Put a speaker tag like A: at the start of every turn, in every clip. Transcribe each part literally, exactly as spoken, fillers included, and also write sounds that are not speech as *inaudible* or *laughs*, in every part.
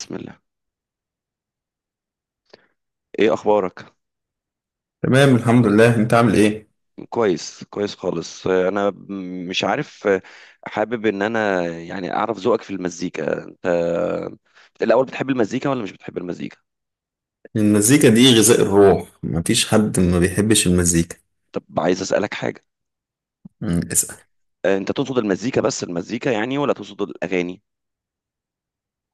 A: بسم الله. ايه اخبارك؟
B: تمام، الحمد لله. انت عامل ايه؟
A: كويس كويس خالص، آه، انا م- مش عارف. آه، حابب ان انا يعني اعرف ذوقك في المزيكا. انت الاول بتحب المزيكا ولا مش بتحب المزيكا؟
B: المزيكا دي غذاء الروح، مفيش حد ما بيحبش المزيكا.
A: طب عايز اسالك حاجه.
B: مم، اسأل.
A: آه، انت تقصد المزيكا بس، المزيكا يعني، ولا تقصد الاغاني؟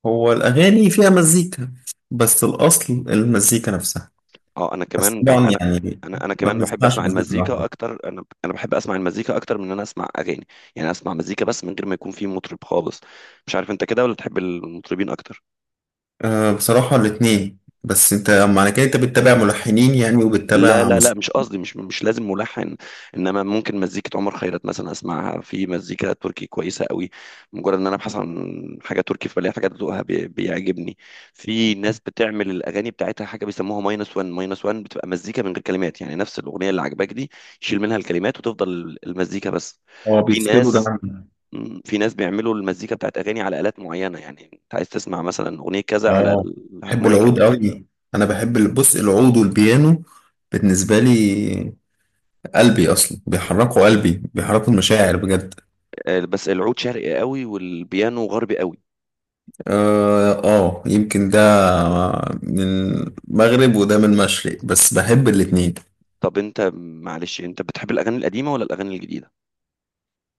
B: هو الاغاني فيها مزيكا. بس الاصل المزيكا نفسها.
A: اه، انا
B: بس
A: كمان ب...
B: طبعا
A: انا
B: يعني،
A: انا انا
B: ما
A: كمان بحب
B: بنسمعش
A: اسمع
B: مزيكا
A: المزيكا
B: واحدة.
A: اكتر. انا انا بحب اسمع المزيكا اكتر من ان انا اسمع اغاني. يعني اسمع مزيكا بس من غير ما يكون في مطرب خالص. مش عارف انت كده، ولا تحب المطربين اكتر؟
B: أه بصراحة الاتنين، بس انت معنى كده انت بتتابع ملحنين يعني
A: لا
B: وبتتابع
A: لا لا،
B: موسيقى.
A: مش قصدي مش مش لازم ملحن. انما ممكن مزيكة عمر خيرت مثلا اسمعها. في مزيكة تركي كويسة قوي. مجرد ان انا ابحث عن حاجة تركي فبلاقي حاجة ذوقها بي- بيعجبني. في ناس بتعمل الاغاني بتاعتها حاجة بيسموها ماينس واحد ماينس واحد، بتبقى مزيكة من غير كلمات. يعني نفس الاغنية اللي عجباك دي يشيل منها الكلمات وتفضل المزيكة بس.
B: اه
A: في
B: بيفصلوا ده
A: ناس
B: عن.
A: مم، في ناس بيعملوا المزيكا بتاعت اغاني على الات معينه. يعني انت عايز تسمع مثلا اغنيه كذا على
B: اه بحب
A: الهارمونيكا.
B: العود قوي. انا بحب ال- بص، العود والبيانو. بالنسبة لي، قلبي اصلا بيحركوا قلبي، بيحركوا المشاعر بجد.
A: آه، بس العود شرقي قوي والبيانو غربي قوي.
B: اه، آه، يمكن ده من مغرب وده من مشرق بس بحب الاتنين.
A: طب انت معلش، انت بتحب الاغاني القديمه ولا الاغاني الجديده؟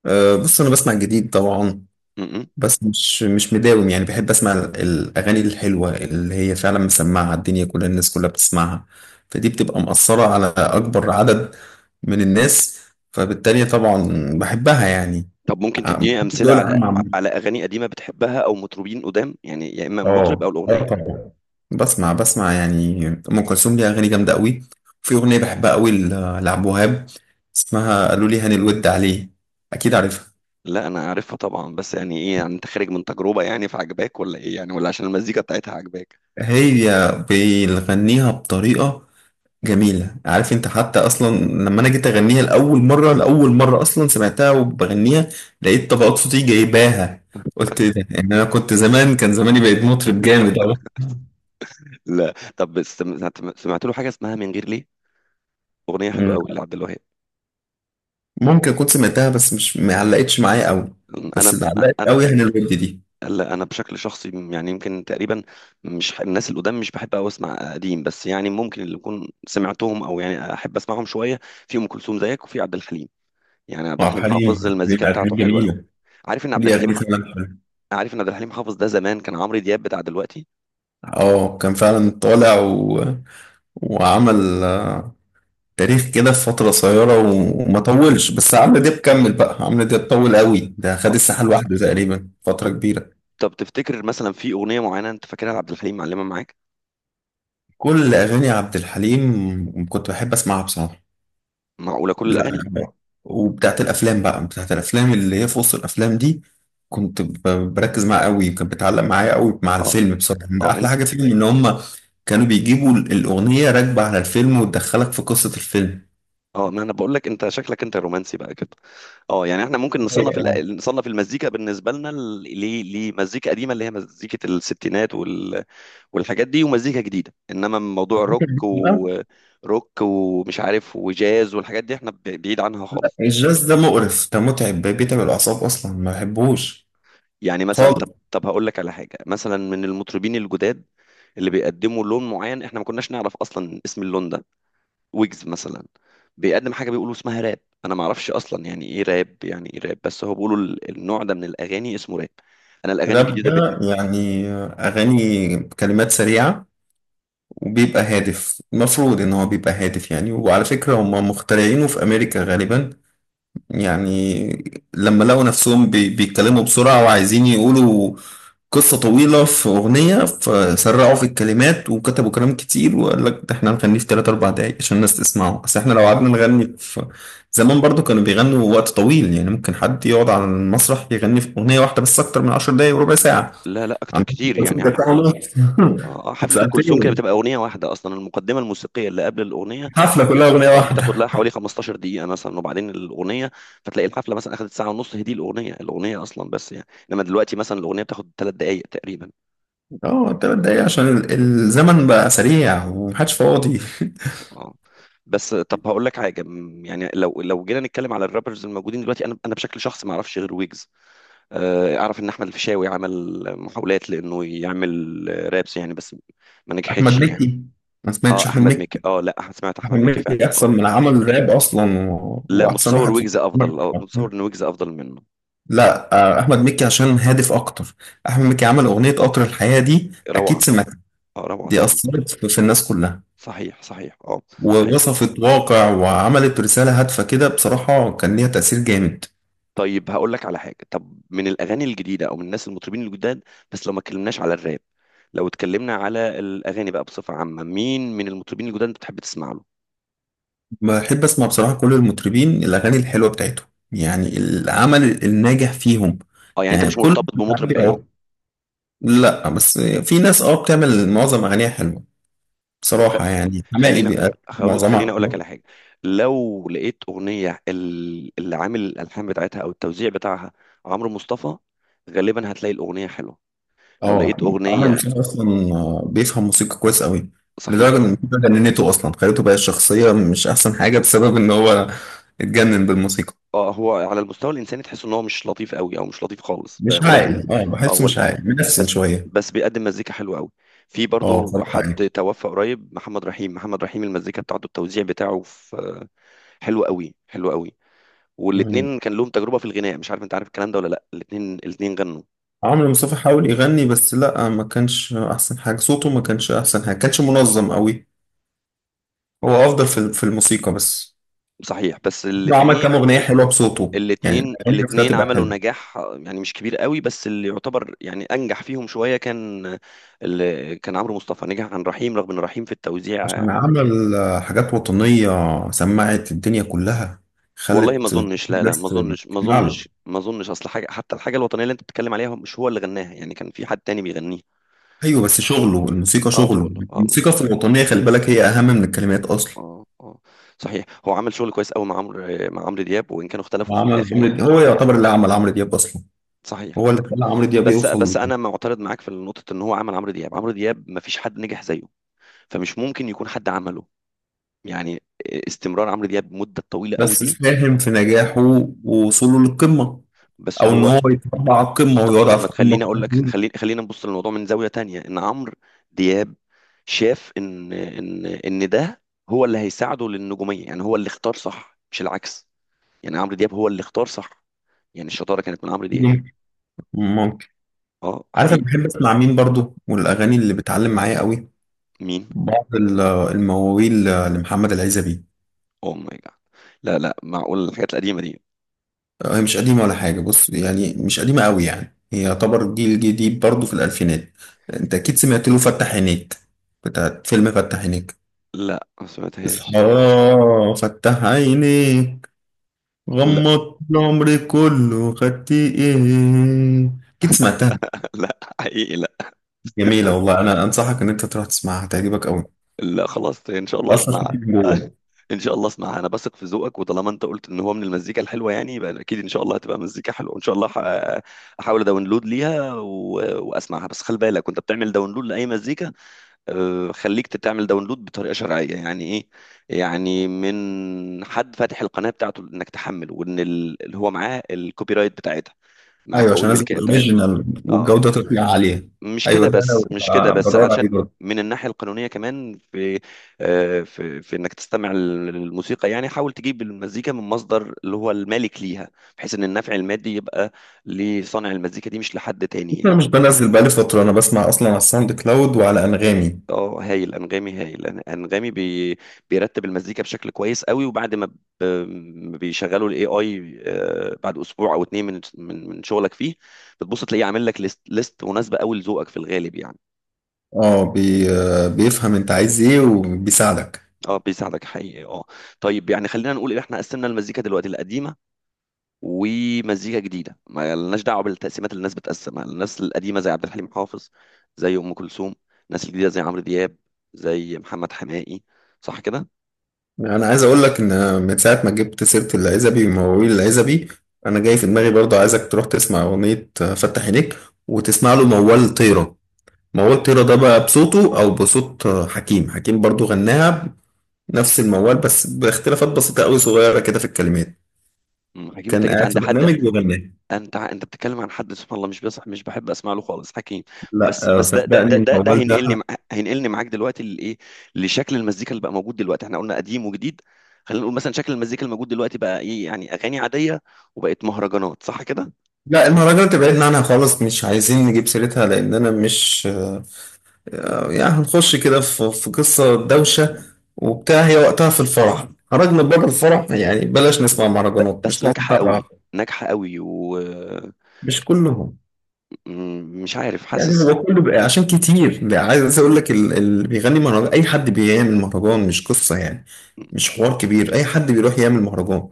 B: أه بص، انا بسمع جديد طبعا.
A: م-م.
B: بس مش مش مداوم، يعني بحب اسمع ال- الاغاني الحلوه اللي هي فعلا مسمعه الدنيا كلها، الناس كلها بتسمعها. فدي بتبقى مأثره على اكبر عدد من الناس، فبالتالي طبعا بحبها يعني.
A: طب ممكن
B: آه، بحب
A: تديني امثله
B: دول
A: على
B: العالم عامة.
A: على اغاني قديمه بتحبها او مطربين قدام، يعني يا اما المطرب
B: اه
A: او
B: اه
A: الاغنيه.
B: طبعا. بسمع بسمع يعني ام كلثوم ليها اغاني جامده قوي. في اغنيه بحبها قوي ل- لعبد الوهاب، اسمها قالوا لي هاني الود عليه، اكيد عارفها.
A: لا، انا عارفها طبعا، بس يعني ايه يعني، انت خارج من تجربه يعني فعجباك، ولا ايه يعني، ولا عشان المزيكا بتاعتها عجباك؟
B: هي بيغنيها بطريقه جميله. عارف انت حتى اصلا لما انا جيت اغنيها لاول مره، لاول مره اصلا سمعتها وبغنيها لقيت طبقات صوتي جايباها، قلت ايه ده يعني؟ انا كنت زمان، كان زماني بقيت مطرب جامد قوي.
A: لا، طب سمعت, سمعت له حاجه اسمها من غير ليه؟ اغنيه حلوه قوي لعبد الوهاب.
B: ممكن كنت سمعتها بس مش ما علقتش معايا قوي.
A: انا
B: بس اللي علقت
A: انا
B: قوي هنا الود دي.
A: لا، انا بشكل شخصي، م- يعني يمكن تقريبا، مش ح- الناس القدام مش بحب أوي اسمع قديم، بس يعني ممكن اللي اكون سمعتهم او يعني احب اسمعهم شويه، في ام كلثوم زيك، وفي عبد الحليم. يعني عبد
B: وعبد
A: الحليم
B: الحليم،
A: حافظ
B: عبد الحليم
A: المزيكا بتاعته
B: اغاني
A: حلوه قوي.
B: جميله.
A: عارف ان عبد
B: ليه
A: الحليم
B: اغاني
A: ح-
B: فعلا حلوه.
A: عارف ان عبد الحليم حافظ ده زمان كان عمرو دياب بتاع دلوقتي.
B: اه كان فعلا طالع و... وعمل، آه، تاريخ كده في فتره قصيره و... وما طولش. بس عمرو دياب كمل، بقى عمرو دياب طول قوي، ده خد
A: اه.
B: الساحه لوحده تقريبا فتره
A: طب
B: كبيره.
A: طب تفتكر مثلا في اغنيه معينه انت فاكرها لعبد الحليم معلمه معاك؟
B: كل اغاني عبد الحليم كنت بحب اسمعها بصراحه.
A: معقوله كل
B: لا.
A: الاغاني؟
B: وبتاعت الافلام بقى بتاعت الافلام اللي هي في وسط الافلام دي، كنت ب- بركز معاها قوي، كانت بتعلق معايا قوي مع
A: اه
B: الفيلم. بصراحه من
A: اه،
B: احلى
A: انت.
B: حاجه فيهم ان هم كانوا بيجيبوا ال- الاغنيه راكبه على الفيلم وتدخلك في قصه الفيلم.
A: اه، ما انا بقول لك، انت شكلك انت رومانسي بقى كده. اه، يعني احنا ممكن نصنف
B: أيوة.
A: ال- نصنف المزيكا بالنسبه لنا ل- ل- لمزيكا قديمه اللي هي مزيكه الستينات وال... والحاجات دي، ومزيكا جديده. انما موضوع الروك
B: لا
A: وروك ومش عارف وجاز والحاجات دي احنا ب- بعيد عنها خالص.
B: الجاز ده مقرف، ده متعب، بيتعب الاعصاب اصلا، ما بحبوش
A: يعني مثلا، طب
B: خالص.
A: طب هقول لك على حاجه مثلا من المطربين الجداد، اللي بيقدموا لون معين احنا ما كناش نعرف اصلا اسم اللون ده. ويجز مثلا بيقدم حاجه بيقولوا اسمها راب. انا ما اعرفش اصلا يعني ايه راب، يعني ايه راب. بس هو بيقولوا ال- النوع ده من الاغاني اسمه راب. انا الاغاني
B: الراب
A: الجديده.
B: ده يعني اغاني كلمات سريعه، وبيبقى هادف، المفروض ان هو بيبقى هادف يعني. وعلى فكره هم مخترعينه في امريكا غالبا، يعني لما لقوا نفسهم بي- بيتكلموا بسرعة، وعايزين يقولوا قصة طويلة في أغنية، فسرعوا في الكلمات وكتبوا كلام كتير. وقال لك ده احنا هنغنيه في تلات أربع دقايق عشان الناس تسمعه، بس احنا لو قعدنا نغني في زمان برضو كانوا بيغنوا وقت طويل. يعني ممكن حد يقعد على المسرح يغني في أغنية واحدة بس أكتر من عشر دقايق وربع ساعة.
A: لا لا، اكتر
B: عندهم
A: كتير يعني.
B: كلثوم كانت ساعة ونص *laughs*
A: آه،
B: كانت
A: حفله ام كلثوم كده
B: ساعتين،
A: بتبقى اغنيه واحده اصلا. المقدمه الموسيقيه اللي قبل الاغنيه
B: حفلة
A: بت-
B: كلها أغنية
A: آه، بتاخد
B: واحدة.
A: لها حوالي 15 دقيقه مثلا، وبعدين الاغنيه. فتلاقي الحفله مثلا اخذت ساعه ونص، هي دي الاغنيه الاغنيه اصلا بس يعني. انما دلوقتي مثلا الاغنيه بتاخد ثلاث دقائق تقريبا.
B: اه تلات دقايق عشان ال- الزمن بقى سريع ومحدش فاضي.
A: اه. بس طب هقول لك حاجه، م، يعني لو لو جينا نتكلم على الرابرز الموجودين دلوقتي، انا انا بشكل شخصي ما اعرفش غير ويجز. آه، اعرف ان احمد الفيشاوي عمل محاولات لانه يعمل آه، رابس يعني، بس ما
B: احمد
A: نجحتش يعني.
B: مكي، ما
A: اه،
B: سمعتش احمد
A: احمد مكي.
B: مكي.
A: اه، لا، أح- سمعت
B: احمد
A: احمد مكي فعلا،
B: مكي
A: اه.
B: احسن من عمل راب اصلا، و...
A: لا،
B: واحسن
A: متصور
B: واحد في
A: ويجز
B: عمل.
A: افضل، اه، متصور ان ويجز افضل منه.
B: لا، آه، احمد مكي عشان هادف اكتر. احمد مكي عمل اغنيه قطر الحياه دي،
A: روعه.
B: اكيد سمعت.
A: اه، روعه
B: دي
A: طبعا.
B: اثرت في في الناس كلها،
A: صحيح صحيح، اه. صحيح.
B: ووصفت واقع وعملت رساله هادفه كده، بصراحه كان ليها تاثير جامد.
A: طيب هقول لك على حاجه، طب من الاغاني الجديده او من الناس المطربين الجداد، بس لو ما اتكلمناش على الراب. لو اتكلمنا على الاغاني بقى بصفه عامه، مين من المطربين الجداد انت بتحب تسمع له؟
B: بحب اسمع بصراحه كل المطربين، الاغاني الحلوه بتاعتهم يعني العمل الناجح فيهم.
A: اه، يعني انت
B: يعني
A: مش
B: كل،
A: مرتبط بمطرب بعينه.
B: لا بس في ناس اه بتعمل معظم اغانيها حلوه.
A: طب
B: بصراحة يعني حماقي
A: خلينا،
B: بيبقى
A: هقول خليني
B: معظمها
A: اقول لك على
B: حلوة.
A: حاجه. لو لقيت اغنيه ال- اللي عامل الالحان بتاعتها او التوزيع بتاعها عمرو مصطفى، غالبا هتلاقي الاغنيه حلوه. لو
B: اه
A: لقيت
B: عمرو
A: اغنيه.
B: مشاهد أصلا، آه، بيفهم موسيقى كويس أوي.
A: صحيح.
B: لدرجة إن الموسيقى جننته أصلا، خليته بقى الشخصية مش أحسن حاجة، بسبب إن هو اتجنن بالموسيقى.
A: اه، هو على المستوى الانساني تحس ان هو مش لطيف قوي، او مش لطيف خالص، ب-
B: مش
A: ولكن.
B: عاقل، اه
A: اه،
B: بحسه
A: ول-
B: مش عاقل،
A: بس
B: منفسن شوية.
A: بس بيقدم مزيكا حلوه قوي. في
B: اه
A: برضو
B: بصراحة يعني.
A: حد توفى قريب، محمد رحيم. محمد رحيم المزيكا بتاعته التوزيع بتاعه في، حلو قوي حلو قوي.
B: مم.
A: والاتنين كان لهم تجربه في الغناء. مش عارف انت عارف الكلام ده ولا لا. الاتنين الاتنين غنوا.
B: عمرو مصطفى حاول يغني بس لأ، ما كانش أحسن حاجة صوته، ما كانش أحسن حاجة، كانش منظم أوي. هو أفضل في في الموسيقى بس.
A: صحيح. بس
B: هو عمل كام
A: الاثنين
B: أغنية حلوة بصوته، يعني
A: الاثنين
B: الأغاني بتاعته
A: الاثنين
B: تبقى
A: عملوا
B: حلوة.
A: نجاح يعني مش كبير قوي، بس اللي يعتبر يعني انجح فيهم شويه كان، اللي كان عمرو مصطفى نجح عن رحيم، رغم ان رحيم في التوزيع.
B: عشان عمل، آه، حاجات وطنية سمعت الدنيا كلها،
A: والله ما
B: خلت
A: اظنش، لا لا،
B: الناس
A: ما اظنش ما
B: تسمع له.
A: اظنش ما اظنش. اصل حاجه، حتى الحاجه الوطنيه اللي انت بتتكلم عليها مش هو اللي غناها، يعني كان في حد تاني بيغنيها.
B: أيوة بس شغله الموسيقى
A: اه،
B: شغله،
A: شغل، اه،
B: الموسيقى في
A: موسيقى.
B: الوطنية خلي بالك هي أهم من الكلمات أصلا.
A: اه اه، صحيح، هو عمل شغل كويس قوي مع عمرو، مع عمرو دياب، وان كانوا اختلفوا في
B: وعمل
A: الاخر
B: عمرو
A: يعني.
B: دياب، هو يعتبر اللي عمل عمرو دياب أصلا،
A: صحيح.
B: هو اللي خلى عمرو دياب
A: بس
B: يوصل.
A: بس انا معترض معاك في نقطه ان هو عمل عمرو دياب. عمرو دياب ما فيش حد نجح زيه، فمش ممكن يكون حد عمله يعني. استمرار عمرو دياب مده طويله قوي
B: بس
A: دي.
B: ساهم في نجاحه ووصوله للقمة،
A: بس
B: أو إن
A: هو،
B: هو يتربع على القمة
A: ط- طب
B: ويقعد في
A: ما
B: القمة
A: تخليني اقول
B: فترة
A: لك،
B: طويلة.
A: خلينا خلينا نبص للموضوع من زاويه تانية. ان عمرو دياب شاف ان ان ان ده هو اللي هيساعده للنجوميه. يعني هو اللي اختار صح، مش العكس. يعني عمرو دياب هو اللي اختار صح. يعني الشطاره كانت من عمرو دياب.
B: ممكن، ممكن.
A: اه،
B: عارف أنا
A: حقيقي.
B: بحب أسمع مين برضو والأغاني اللي بتعلم معايا قوي؟
A: مين؟
B: بعض ال- المواويل لمحمد العزبي.
A: اوه ماي جاد. لا لا، معقول الحاجات القديمه دي؟
B: هي مش قديمة ولا حاجة، بص يعني مش قديمة قوي يعني، هي يعتبر جيل جديد برضه في الألفينات. أنت أكيد سمعت له فتح عينيك، بتاعت فيلم فتح عينيك.
A: لا، ما
B: اصحى،
A: سمعتهاش.
B: فتح عينيك،
A: لا
B: غمضت العمر كله خدت إيه. أكيد سمعتها.
A: لا، حقيقي، لا.
B: جميلة والله، أنا أنصحك إن أنت تروح تسمعها هتعجبك قوي،
A: لا، خلاص ان شاء الله
B: أصلا
A: اسمع.
B: في جوه.
A: *laughs* ان شاء الله اسمعها. انا بثق في ذوقك، وطالما انت قلت ان هو من المزيكا الحلوه يعني، يبقى اكيد ان شاء الله هتبقى مزيكا حلوه ان شاء الله. ح- احاول اداونلود ليها و... واسمعها. بس خلي بالك وانت بتعمل داونلود لاي مزيكا، آه، خليك تعمل داونلود بطريقه شرعيه. يعني ايه؟ يعني من حد فاتح القناه بتاعته انك تحمل، وان ال- اللي هو معاه الكوبي رايت بتاعتها، مع
B: أيوه
A: حقوق
B: عشان نازل
A: الملكيه بتاعتها.
B: أوريجينال
A: اه.
B: والجودة تطلع عالية.
A: مش
B: أيوه
A: كده
B: ده
A: بس، مش كده
B: أنا
A: بس،
B: بدور عليه
A: عشان
B: دلوقتي.
A: من الناحية القانونية كمان، في آه، في في انك تستمع للموسيقى، يعني حاول تجيب المزيكا من مصدر اللي هو المالك ليها، بحيث ان النفع المادي يبقى لصانع المزيكا دي مش لحد تاني
B: انا
A: يعني.
B: مش بنزل بقالي فترة، انا بسمع اصلا على الساوند كلاود وعلى انغامي.
A: اه، هايل. انغامي هايل. أن- انغامي بي بيرتب المزيكا بشكل كويس قوي، وبعد ما ب- ما بيشغلوا الاي اي بعد اسبوع او اتنين من من من شغلك فيه، بتبص تلاقيه عامل لك ليست ليست مناسبة قوي لذوقك في الغالب يعني.
B: اه، بي آه، بيفهم انت عايز ايه وبيساعدك.
A: اه، بيساعدك حقيقي، اه. طيب يعني خلينا نقول ان احنا قسمنا المزيكا دلوقتي القديمه ومزيكا جديده، ما لناش دعوه بالتقسيمات اللي الناس بتقسمها. الناس القديمه زي عبد الحليم حافظ، زي ام كلثوم. الناس الجديده زي عمرو دياب، زي محمد حماقي. صح كده؟
B: انا عايز اقول لك ان من ساعة ما جبت سيرة العزبي ومواويل العزبي، انا جاي في دماغي برضه عايزك تروح تسمع اغنية، آه، فتح عينيك، وتسمع له موال طيرة. موال طيرة ده بقى بصوته او بصوت، آه، حكيم. حكيم برضه غناها نفس الموال بس باختلافات بسيطة قوي، صغيرة كده في الكلمات.
A: مم. حكيم؟ انت
B: كان
A: جيت
B: قاعد
A: عند
B: في
A: حد،
B: برنامج وغناها.
A: انت انت بتتكلم عن حد سبحان الله مش بصح، مش بحب اسمع له خالص حكيم. بس
B: لا، آه،
A: بس ده ده
B: صدقني
A: ده ده, ده
B: الموال
A: هينقلني
B: ده.
A: مع... هينقلني معاك دلوقتي لايه، لشكل المزيكا اللي بقى موجود دلوقتي. احنا قلنا قديم وجديد. خلينا نقول مثلا شكل المزيكا الموجود دلوقتي بقى ايه، يعني اغاني عاديه، وبقت مهرجانات، صح كده؟
B: لا المهرجانات تبعدنا عنها خالص، مش عايزين نجيب سيرتها، لان انا مش، آه، يعني هنخش كده في في قصه دوشه وبتاع، هي وقتها في الفرح خرجنا بره الفرح، يعني بلاش نسمع
A: ب...
B: مهرجانات
A: بس
B: مش ناقص
A: ناجحه
B: بقى.
A: قوي، ناجحه قوي.
B: مش كلهم،
A: ومش عارف،
B: يعني
A: حاسس.
B: هو كله بقى عشان كتير ده. عايز اقول لك ال- اللي بيغني مهرجان اي حد بيعمل مهرجان، مش قصه يعني، مش حوار كبير، اي حد بيروح يعمل مهرجان.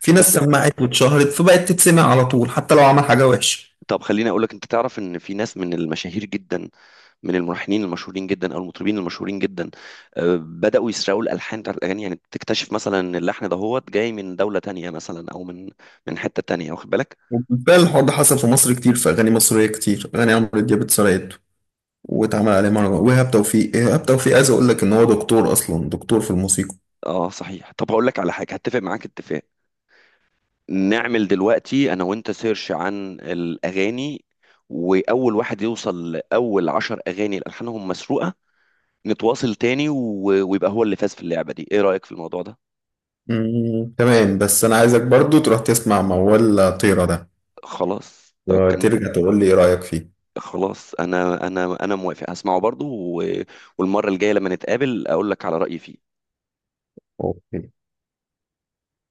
B: في ناس
A: بس
B: سمعت واتشهرت فبقت تتسمع على طول حتى لو عمل حاجه وحشه.
A: طب خليني اقول لك، انت تعرف ان في ناس من المشاهير جدا، من الملحنين المشهورين جدا او المطربين المشهورين جدا، آه، بداوا يسرقوا الالحان بتاعت الاغاني؟ يعني بتكتشف مثلا ان اللحن دهوت جاي من دوله تانية مثلا، او من من حته تانية، واخد بالك؟
B: وبالفعل الحوار ده حصل في مصر كتير، في أغاني مصرية كتير، أغاني عمرو دياب اتسرقت واتعمل عليه مهرجان. وإيهاب توفيق، إيهاب توفيق عايز أقول لك إن هو دكتور أصلا، دكتور في الموسيقى.
A: اه، صحيح. طب هقول لك على حاجه هتفق معاك اتفاق، نعمل دلوقتي انا وانت سيرش عن الاغاني، واول واحد يوصل لاول عشر اغاني الالحانهم مسروقه نتواصل تاني، و- ويبقى هو اللي فاز في اللعبه دي. ايه رايك في الموضوع ده؟
B: مم. تمام، بس أنا عايزك برضو تروح تسمع موال طيرة ده،
A: خلاص، طب.
B: ترجع تقول لي إيه رأيك فيه.
A: خلاص، انا انا انا موافق، هسمعه برضو. و- والمره الجايه لما نتقابل اقول لك على رايي فيه.
B: أوكي.